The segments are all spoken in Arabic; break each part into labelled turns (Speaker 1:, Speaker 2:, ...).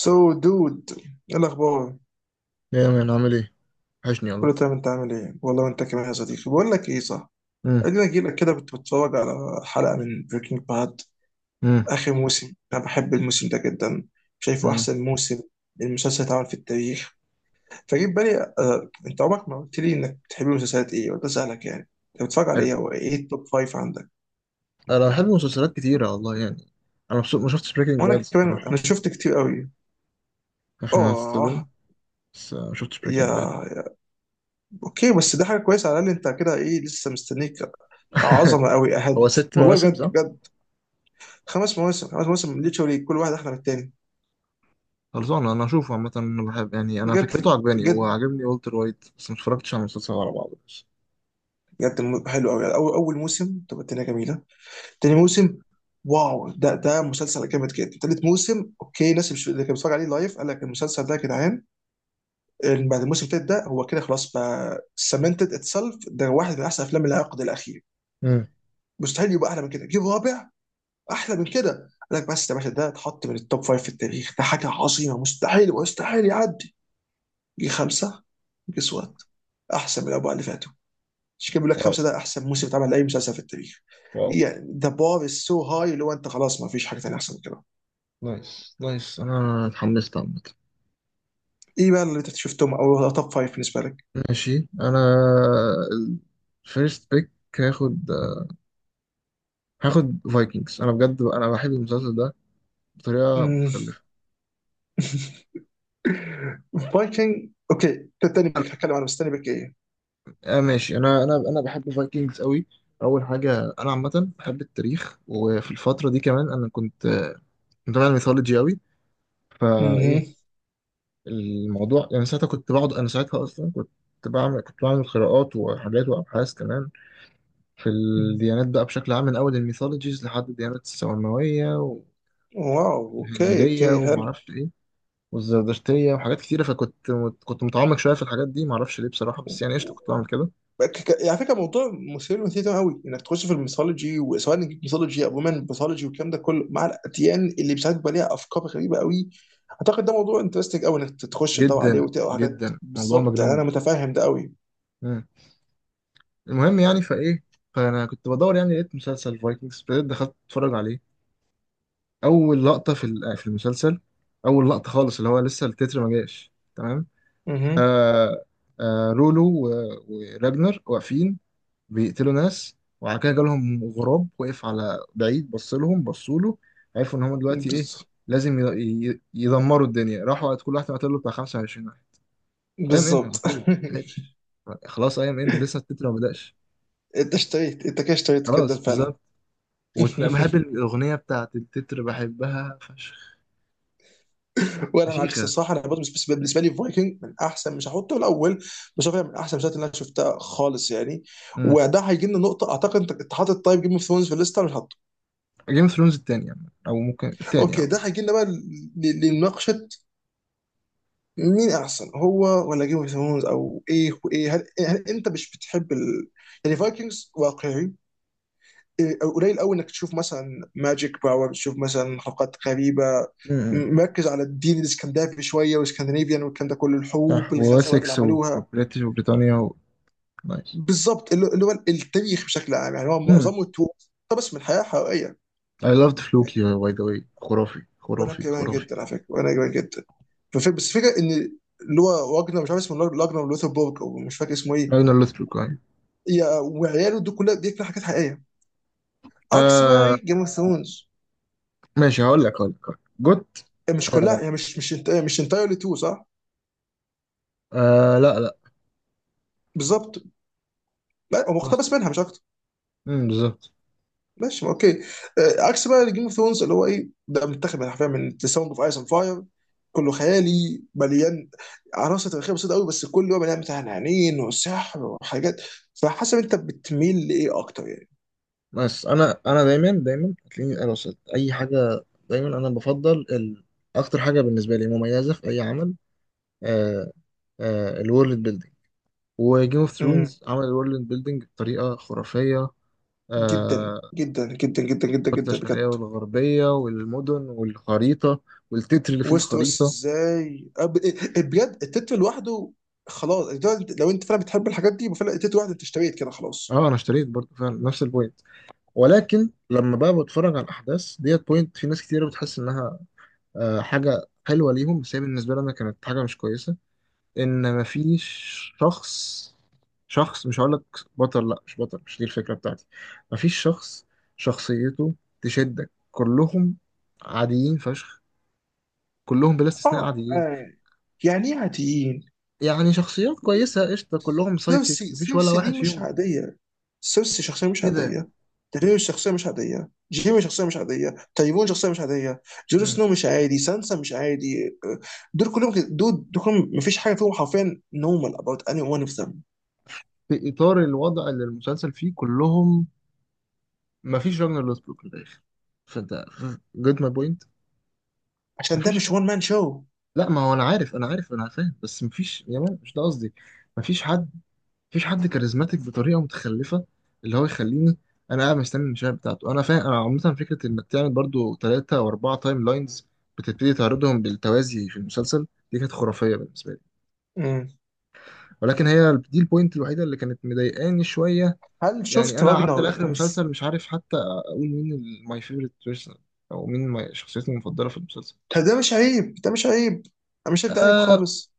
Speaker 1: سو دود. ايه الاخبار؟
Speaker 2: ايه يا مان عامل ايه؟ وحشني
Speaker 1: كله
Speaker 2: والله.
Speaker 1: تمام، انت عامل ايه والله، وانت كمان يا صديقي. بقول لك ايه، صح؟
Speaker 2: امم.
Speaker 1: ادينا اجي لك كده كنت بتفرج على حلقه من بريكنج باد
Speaker 2: امم.
Speaker 1: اخر موسم. انا بحب الموسم ده جدا، شايفه
Speaker 2: امم.
Speaker 1: احسن موسم المسلسل اتعمل في التاريخ. فجيت بالي انت عمرك ما قلت لي انك بتحب المسلسلات ايه. قلت اسالك يعني انت بتتفرج على
Speaker 2: حلو.
Speaker 1: ايه، او ايه التوب فايف عندك؟
Speaker 2: انا بحب مسلسلات كتيرة والله يعني انا مبسوط. ما شفتش بريكنج
Speaker 1: وانا
Speaker 2: باد
Speaker 1: كمان انا
Speaker 2: الصراحة.
Speaker 1: شفت كتير قوي.
Speaker 2: عشان ما
Speaker 1: اه
Speaker 2: هتصدم. بس ما شفتش بريكنج
Speaker 1: يا
Speaker 2: باد.
Speaker 1: اوكي، بس ده حاجه كويسه على الاقل انت كده، ايه لسه مستنيك، عظمه قوي
Speaker 2: هو
Speaker 1: اهد
Speaker 2: ست
Speaker 1: والله
Speaker 2: مواسم
Speaker 1: بجد
Speaker 2: صح؟
Speaker 1: بجد. خمس مواسم، خمس مواسم من ليتشوري كل واحد احلى من التاني.
Speaker 2: خلصانة انا اشوفه عامة انا بحب يعني انا فكرته
Speaker 1: بجد
Speaker 2: عجباني هو
Speaker 1: بجد.
Speaker 2: عاجبني والتر وايت بس ما اتفرجتش على المسلسل على بعضه بس.
Speaker 1: بجد حلو قوي اول، اول موسم تبقى الدنيا جميله. تاني موسم، واو، ده مسلسل جامد جدا. تالت موسم اوكي، ناس مش اللي كان بيتفرج عليه لايف قال لك المسلسل ده يا جدعان. بعد الموسم التالت ده هو كده خلاص بقى سمنتد اتسلف، ده واحد من احسن افلام العقد الاخير.
Speaker 2: امم.
Speaker 1: مستحيل يبقى احلى من كده، جيب رابع. احلى من كده؟ قال لك بس يا باشا، ده اتحط من التوب فايف في التاريخ، ده حاجه عظيمه، مستحيل مستحيل يعدي. جه خمسه، جه سوات احسن من الاربعه اللي فاتوا. مش كده، بيقول لك
Speaker 2: واو.
Speaker 1: خمسه ده احسن موسم اتعمل لاي مسلسل في التاريخ.
Speaker 2: واو.
Speaker 1: يعني ذا بار از سو هاي اللي هو انت خلاص ما فيش حاجه ثانيه احسن من كده.
Speaker 2: نايس نايس انا اتحمست عامة.
Speaker 1: ايه بقى اللي انت شفتهم او توب فايف بالنسبه لك؟
Speaker 2: ماشي انا الفيرست بيك. هاخد هاخد فايكنجز انا بجد انا بحب المسلسل ده بطريقة متخلفة.
Speaker 1: فايكنج اوكي، ده تاني بيك. هتكلم عن بس تاني بيك ايه؟
Speaker 2: ماشي انا بحب الفايكنجز قوي. اول حاجه انا عامه بحب التاريخ وفي الفتره دي كمان انا كنت متابع الميثولوجي قوي.
Speaker 1: مهم.
Speaker 2: فايه الموضوع يعني ساعتها كنت بقعد انا ساعتها اصلا كنت بعمل قراءات وحاجات وابحاث كمان في الديانات بقى بشكل عام من اول الميثولوجيز لحد الديانات السماويه
Speaker 1: واو اوكي، اوكي
Speaker 2: والهنديه
Speaker 1: حلو.
Speaker 2: ومعرفش ايه والزردشتيه وحاجات كتيره فكنت متعمق شويه في الحاجات دي معرفش ليه بصراحه بس يعني قشطه كنت بعمل كده.
Speaker 1: ك- على فكره موضوع مثير للاهتمام تمام قوي انك تخش في الميثولوجي، وسواء ميثولوجي او ومن ميثولوجي والكلام ده كله مع الاديان اللي مش عارف بقى ليها افكار غريبه قوي. اعتقد ده موضوع انترستنج قوي انك تخش تدور عليه
Speaker 2: جدا
Speaker 1: وتقرا حاجات
Speaker 2: جدا موضوع
Speaker 1: بالظبط، يعني انا
Speaker 2: مجنون.
Speaker 1: متفاهم ده قوي.
Speaker 2: المهم يعني فايه فانا كنت بدور يعني لقيت مسلسل فايكنجز ابتديت دخلت اتفرج عليه. اول لقطه في المسلسل اول لقطه خالص اللي هو لسه التتر ما جاش تمام.
Speaker 1: اها.
Speaker 2: آه رولو وراجنر واقفين بيقتلوا ناس وبعد كده جالهم غراب وقف على بعيد بص لهم بصوا له عرفوا ان هم دلوقتي ايه
Speaker 1: بز-
Speaker 2: لازم يدمروا الدنيا راحوا قعد كل واحد قتل له بتاع 25 واحد. اي ام ان على
Speaker 1: بالظبط
Speaker 2: طول ما لحقتش. خلاص اي ام ان لسه التتر ما بداش.
Speaker 1: انت اشتريت، انت كده اشتريت كده
Speaker 2: خلاص
Speaker 1: فعلا.
Speaker 2: بالظبط. وبحب الأغنية بتاعت التتر بحبها فشخ.
Speaker 1: وانا معاك
Speaker 2: فشيخة.
Speaker 1: الصراحه، انا برضه بالنسبة لي فايكنج من احسن، مش هحطه الاول، بس هو فعلا من احسن المسلسلات اللي انا شفتها خالص يعني.
Speaker 2: امم.
Speaker 1: وده هيجي لنا نقطه، اعتقد أنت حاطط طيب جيم اوف ثرونز في الليسته.
Speaker 2: جيم اوف ثرونز التانية أو ممكن التانية
Speaker 1: اوكي،
Speaker 2: اه.
Speaker 1: ده هيجي لنا بقى لمناقشه مين احسن، هو ولا جيم اوف ثرونز، او ايه وايه. هل انت مش بتحب ال... يعني فايكنجز واقعي، قليل قوي انك تشوف مثلا ماجيك باور، تشوف مثلا حلقات غريبه.
Speaker 2: امم.
Speaker 1: مركز على الدين الاسكندنافي شويه والاسكندنافيان والكلام ده كله، الحروب،
Speaker 2: صح
Speaker 1: الغزوات اللي
Speaker 2: وواسكس
Speaker 1: عملوها.
Speaker 2: وبريتش وبريطانيا. و... نايس.
Speaker 1: بالظبط، اللي هو التاريخ بشكل عام يعني هو
Speaker 2: امم.
Speaker 1: معظمه توب. طب بس من الحياه حقيقيه.
Speaker 2: I loved فلوكي باي ذا واي خرافي
Speaker 1: وانا
Speaker 2: خرافي
Speaker 1: كمان
Speaker 2: خرافي.
Speaker 1: جدا على فكره، وانا كمان جدا. بس الفكره ان اللي هو واجنر مش عارف اسمه، لاجنر لوثربورج او مش فاكر اسمه ايه،
Speaker 2: أنا loved فلوكي أيوة.
Speaker 1: يا- وعياله دول كلها، دي كلها حاجات حقيقيه، عكس بقى
Speaker 2: آه
Speaker 1: جيم اوف ثرونز.
Speaker 2: ماشي هقول لك. جوت.
Speaker 1: مش
Speaker 2: آه،
Speaker 1: كلها يعني، مش انت مش انتايرلي تو صح؟
Speaker 2: آه، لا، لا.
Speaker 1: بالظبط، لا هو
Speaker 2: بس
Speaker 1: مقتبس منها مش اكتر.
Speaker 2: بالظبط.
Speaker 1: ماشي ما اوكي. عكس بقى جيم اوف ثرونز اللي هو ايه، ده متاخد من حرفيا من ذا ساوند اوف ايس اند فاير، كله خيالي مليان عناصر تاريخيه بسيطه قوي، بس كله بقى مليان بتاع عنين وسحر وحاجات. فحسب انت بتميل لايه اكتر يعني؟
Speaker 2: بس انا دايما دايما هتلاقيني انا وصلت اي حاجه دايما انا بفضل اكتر حاجه بالنسبه لي مميزه في اي عمل آه، الورلد بيلدينج. وجيم اوف
Speaker 1: امم.
Speaker 2: ثرونز عمل الورلد بيلدينج بطريقه خرافيه
Speaker 1: جدا
Speaker 2: آه،
Speaker 1: جدا جدا جدا جدا
Speaker 2: الكتله
Speaker 1: جدا
Speaker 2: الشرقيه
Speaker 1: بجد.
Speaker 2: والغربيه والمدن والخريطه والتتر اللي فيه
Speaker 1: وسط بس
Speaker 2: الخريطه.
Speaker 1: ازاي، بجد التتر لوحده، خلاص ده لو انت فعلا بتحب الحاجات دي، فعلا التتر لوحده انت اشتريت كده خلاص.
Speaker 2: اه، انا اشتريت برضه فعلا نفس البوينت. ولكن لما بقى بتفرج على الاحداث ديت بوينت في ناس كتير بتحس انها حاجه حلوه ليهم بس هي بالنسبه لنا كانت حاجه مش كويسه ان مفيش شخص شخص مش هقولك. بطل لا مش بطل مش دي الفكرة بتاعتي. مفيش شخص شخصيته تشدك كلهم عاديين فشخ. كلهم بلا استثناء
Speaker 1: اه.
Speaker 2: عاديين.
Speaker 1: آه. يعني ايه عاديين؟
Speaker 2: يعني شخصيات كويسة قشطة كلهم سايد كيكس
Speaker 1: سيرسي،
Speaker 2: مفيش ولا
Speaker 1: سيرسي دي
Speaker 2: واحد
Speaker 1: مش
Speaker 2: فيهم
Speaker 1: عاديه، سيرسي شخصيه مش
Speaker 2: كده.
Speaker 1: عاديه، داريوس شخصيه مش عاديه، جيمي شخصيه مش عاديه، تايفون شخصيه مش عاديه، جون
Speaker 2: مم.
Speaker 1: سنو مش عادي، سانسا مش عادي، دول كلهم كده- دول كلهم مفيش حاجه فيهم حرفيا نورمال اباوت اني ون اوف ذم.
Speaker 2: في إطار الوضع اللي المسلسل فيه كلهم. مفيش راجنر لوسبروك في الآخر فانت جيت ماي بوينت.
Speaker 1: عشان ده
Speaker 2: مفيش
Speaker 1: مش
Speaker 2: حد.
Speaker 1: وان مان شو.
Speaker 2: لا ما هو انا عارف انا فاهم بس مفيش يا مان مش ده قصدي. مفيش حد مفيش حد كاريزماتيك بطريقه متخلفه اللي هو يخليني انا قاعد مستني المشاهد بتاعته. انا فاهم انا عامه فكره انك تعمل برضو ثلاثه او اربعه تايم لاينز بتبتدي تعرضهم بالتوازي في المسلسل دي كانت خرافيه بالنسبه لي.
Speaker 1: مم.
Speaker 2: ولكن هي دي البوينت الوحيده اللي كانت مضايقاني شويه.
Speaker 1: هل
Speaker 2: يعني
Speaker 1: شفت
Speaker 2: انا قعدت لاخر
Speaker 1: راجنر؟
Speaker 2: المسلسل مش عارف حتى اقول مين ماي فيفورت بيرسون او مين شخصيتي المفضله في المسلسل.
Speaker 1: ده ده مش عيب، ده مش عيب، انا مش شايف ده عيب
Speaker 2: آه
Speaker 1: خالص.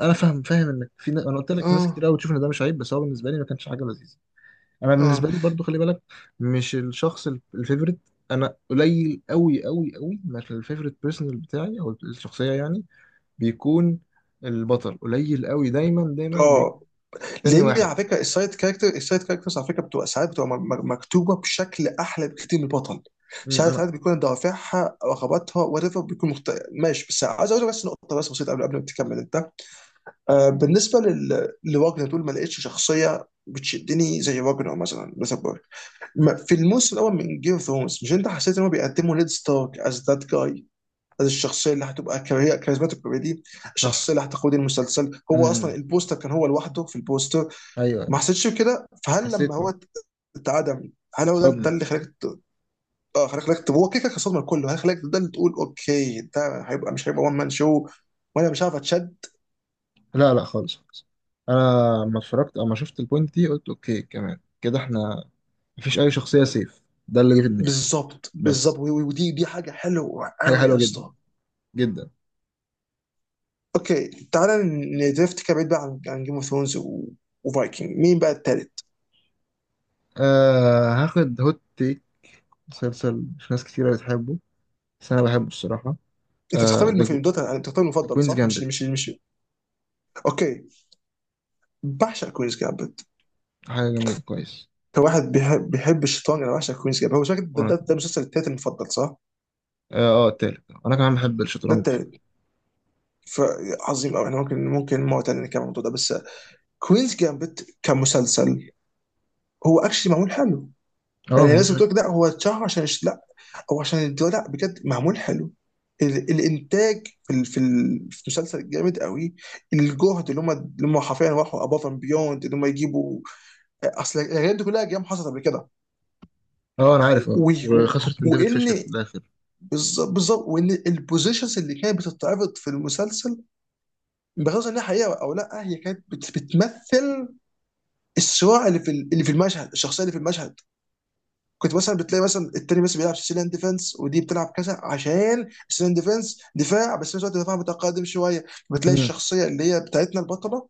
Speaker 2: انا فاهم انك انا قلت لك ناس كتير
Speaker 1: اه.
Speaker 2: قوي بتشوف ان ده مش عيب بس هو بالنسبه لي ما كانش حاجه لذيذه. انا
Speaker 1: اه.
Speaker 2: بالنسبه لي برضو خلي بالك. مش الشخص الفيفوريت. انا قليل قوي قوي قوي ما الفيفوريت بيرسونال بتاعي او الشخصيه يعني بيكون البطل قليل قوي دايما دايما بيكون
Speaker 1: اه،
Speaker 2: تاني
Speaker 1: لان
Speaker 2: واحد.
Speaker 1: على فكره السايد كاركتر، السايد كاركترز على فكره بتبقى ساعات بتبقى مكتوبه بشكل احلى بكتير من البطل.
Speaker 2: امم.
Speaker 1: ساعات،
Speaker 2: انا.
Speaker 1: ساعات بيكون دوافعها رغباتها وات ايفر، بيكون مخت... ماشي بس عايز اقول لك بس نقطه بس بسيطه قبل ما تكمل انت. آه، بالنسبه لل... لواجنر دول ما لقيتش شخصيه بتشدني زي واجنر مثلا. في الموسم الاول من جيم اوف ثرونز، مش انت حسيت ان هو بيقدموا نيد ستارك از ذات جاي، از الشخصيه اللي هتبقى كاريزماتيك بالطريقة دي،
Speaker 2: صح.
Speaker 1: الشخصيه اللي هتقود المسلسل، هو اصلا
Speaker 2: امم.
Speaker 1: البوستر كان هو لوحده في البوستر.
Speaker 2: ايوه،
Speaker 1: ما
Speaker 2: ايوه.
Speaker 1: حسيتش بكده؟ فهل لما
Speaker 2: حسيت.
Speaker 1: هو
Speaker 2: اه.
Speaker 1: اتعدم، هل هو ده
Speaker 2: صدمه.
Speaker 1: اللي خلاك اه خلاك، هو كده كده كان صدمه لكله. هل خلاك ده اللي تقول اوكي، ده هيبقى مش هيبقى وان مان شو، وانا مش عارف اتشد.
Speaker 2: لا، لا، خالص، خالص. انا لما اتفرجت او ما شفت البوينت دي قلت اوكي كمان كده احنا مفيش اي شخصيه سيف ده اللي جه في دماغي.
Speaker 1: بالظبط
Speaker 2: بس
Speaker 1: بالظبط، ودي، دي حاجه حلوه
Speaker 2: حاجه
Speaker 1: قوي يا
Speaker 2: حلوه جدا
Speaker 1: اسطى.
Speaker 2: جدا.
Speaker 1: اوكي تعالى، ندريفت كده بعيد بقى عن جيم اوف ثرونز وفايكنج. مين بقى التالت؟
Speaker 2: هاخد هوت تيك. مسلسل مش ناس كتيرة بتحبه بس أنا بحبه الصراحة.
Speaker 1: انت بتختار
Speaker 2: آه
Speaker 1: المفضل
Speaker 2: ده
Speaker 1: دوت، انت بتختار
Speaker 2: ده
Speaker 1: المفضل
Speaker 2: كوينز
Speaker 1: صح؟ مش مش
Speaker 2: جامبت.
Speaker 1: مش اوكي. بعشق كوينز جامبت.
Speaker 2: حاجة جميلة كويس.
Speaker 1: كواحد بيحب الشيطان، انا بعشق كوينز جامبت. هو شكل
Speaker 2: وأنا
Speaker 1: ده المسلسل التالت المفضل صح؟
Speaker 2: التالت أنا كمان بحب
Speaker 1: ده
Speaker 2: الشطرنج فعلا.
Speaker 1: التالت. فعظيم قوي، احنا ممكن مرة تانية نتكلم عن الموضوع ده، بس كوينز جامبت كمسلسل هو اكشلي معمول حلو.
Speaker 2: آه،
Speaker 1: يعني
Speaker 2: معمول
Speaker 1: الناس
Speaker 2: حلو.
Speaker 1: بتقول لك لا هو اتشهر عشان لا، هو عشان الدراما، لا بجد معمول حلو. الانتاج في مسلسل جامد قوي. الجهد اللي هم حرفيا راحوا اباف اند بيوند، اللي هم يجيبوا اصل الحاجات دي كلها جيم حصلت قبل كده.
Speaker 2: آه، أنا عارف
Speaker 1: و... و...
Speaker 2: وخسرت من ديفيد
Speaker 1: وان،
Speaker 2: فيشر في الآخر.
Speaker 1: بالظبط بالظبط، وان البوزيشنز اللي كانت بتتعرض في المسلسل، بغض النظر انها حقيقه او لا، هي كانت بت... بتمثل الصراع اللي في المشهد، الشخصيه اللي في المشهد. كنت مثلا بتلاقي مثلا التاني مثلا بيلعب سيسيليان ديفense، ودي بتلعب كذا عشان سيسيليان ديفنس دفاع، بس في نفس الوقت دفاع متقدم شويه، بتلاقي
Speaker 2: مم.
Speaker 1: الشخصيه اللي هي بتاعتنا البطله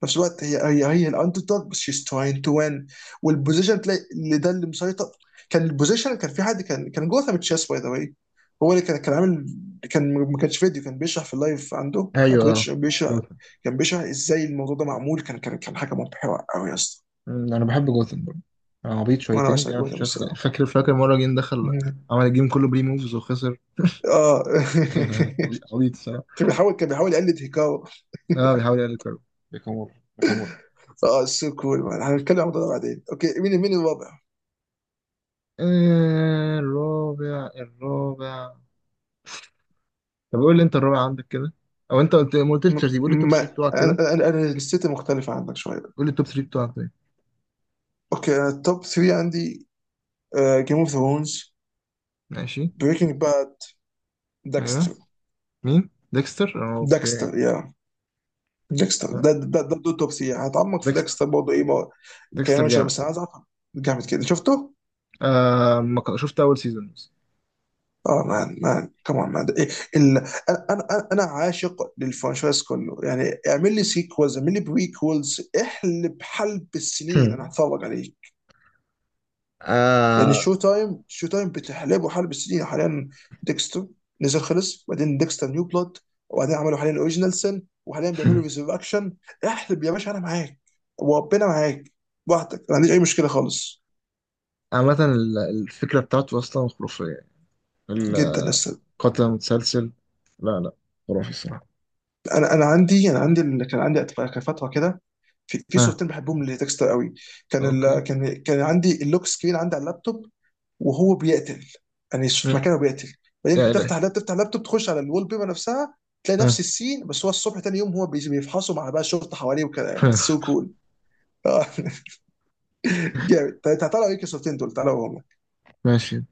Speaker 1: في نفس الوقت هي الاندر دوج، بس شيز تراين تو وين. والبوزيشن تلاقي اللي ده اللي مسيطر. كان البوزيشن، كان في حد كان كان جوثام تشيس باي ذا واي، هو اللي كان عامل، كان ما كانش فيديو، كان بيشرح في اللايف عنده على
Speaker 2: أيوه، آه.
Speaker 1: تويتش، بيشرح،
Speaker 2: جوثن.
Speaker 1: كان بيشرح ازاي الموضوع ده معمول، كان حاجه مبهره قوي يا اسطى.
Speaker 2: مم، أنا بحب جوثن برضه. آه، عبيط
Speaker 1: وانا
Speaker 2: شويتين
Speaker 1: بعشق
Speaker 2: بيعمل
Speaker 1: جوثام
Speaker 2: شوية حاجات
Speaker 1: الصراحه.
Speaker 2: فاكر فاكر مرة جه دخل عمل الجيم كله بري موفز وخسر.
Speaker 1: اه.
Speaker 2: عبيط عبيط الصراحة.
Speaker 1: كان بيحاول، كان بيحاول يقلد هيكاو.
Speaker 2: بيحاول يقلل كارو. ناكامورا ناكامورا.
Speaker 1: اه سو كول مان، هنتكلم عن الموضوع ده بعدين. اوكي، مين الرابع؟
Speaker 2: الرابع الرابع. طب قول لي انت الرابع عندك كده او انت قلت ما قلتش
Speaker 1: م-
Speaker 2: ترتيب قول لي التوب
Speaker 1: ما
Speaker 2: 3 بتوعك كده.
Speaker 1: انا أنا الست مختلفة عنك شوية.
Speaker 2: قول لي التوب 3 بتوعك طيب.
Speaker 1: اوكي، انا التوب 3 عندي، جيم اوف ثرونز،
Speaker 2: ماشي.
Speaker 1: بريكنج باد،
Speaker 2: ايوه.
Speaker 1: داكستر.
Speaker 2: مين ديكستر اه، اوكي.
Speaker 1: داكستر يا، داكستر
Speaker 2: لا،
Speaker 1: ده ده توب 3. هتعمق في
Speaker 2: ديكستر
Speaker 1: داكستر برضه ايه ما-
Speaker 2: ديكستر
Speaker 1: كمان شوية،
Speaker 2: جامد.
Speaker 1: بس انا عايز اعرف، جامد كده شفته؟
Speaker 2: آه، ما شفت اول سيزون بس.
Speaker 1: اه مان، مان كمان مان إيه، ال... انا عاشق للفرنشايز كله، يعني اعمل لي سيكولز اعمل لي بريكولز، احلب حلب السنين انا هتفرج عليه. يعني
Speaker 2: آه
Speaker 1: شو تايم، شو تايم بتحلبه حلب السنين حاليا؟ ديكستر نزل خلص، بعدين ديكستر نيو بلود، وبعدين عملوا حاليا الاوريجينال سن، وحاليا بيعملوا ريزركشن. احلب يا باشا، انا معاك وربنا معاك، براحتك ما عنديش اي مشكله خالص.
Speaker 2: عامة الفكرة بتاعته أصلا خرافية.
Speaker 1: جدا لسه.
Speaker 2: القتل المتسلسل. لا، لا، خرافي الصراحة.
Speaker 1: انا عندي كان فتره كده، في
Speaker 2: ها.
Speaker 1: صورتين بحبهم لديكستر قوي. كان ال...
Speaker 2: أوكي.
Speaker 1: كان كان عندي اللوك سكرين عندي على اللابتوب وهو بيقتل، يعني
Speaker 2: م.
Speaker 1: في مكانه بيقتل. بعدين
Speaker 2: يا إلهي.
Speaker 1: بتفتح اللاب، تفتح اللابتوب، تخش على الوول بيبر نفسها، تلاقي نفس
Speaker 2: ها.
Speaker 1: السين، بس هو الصبح تاني يوم هو بيفحصوا مع بقى الشرطه حواليه وكده، يعني سو كول. جامد. طيب تعالوا ايه الصورتين دول، تعالوا.
Speaker 2: ماشي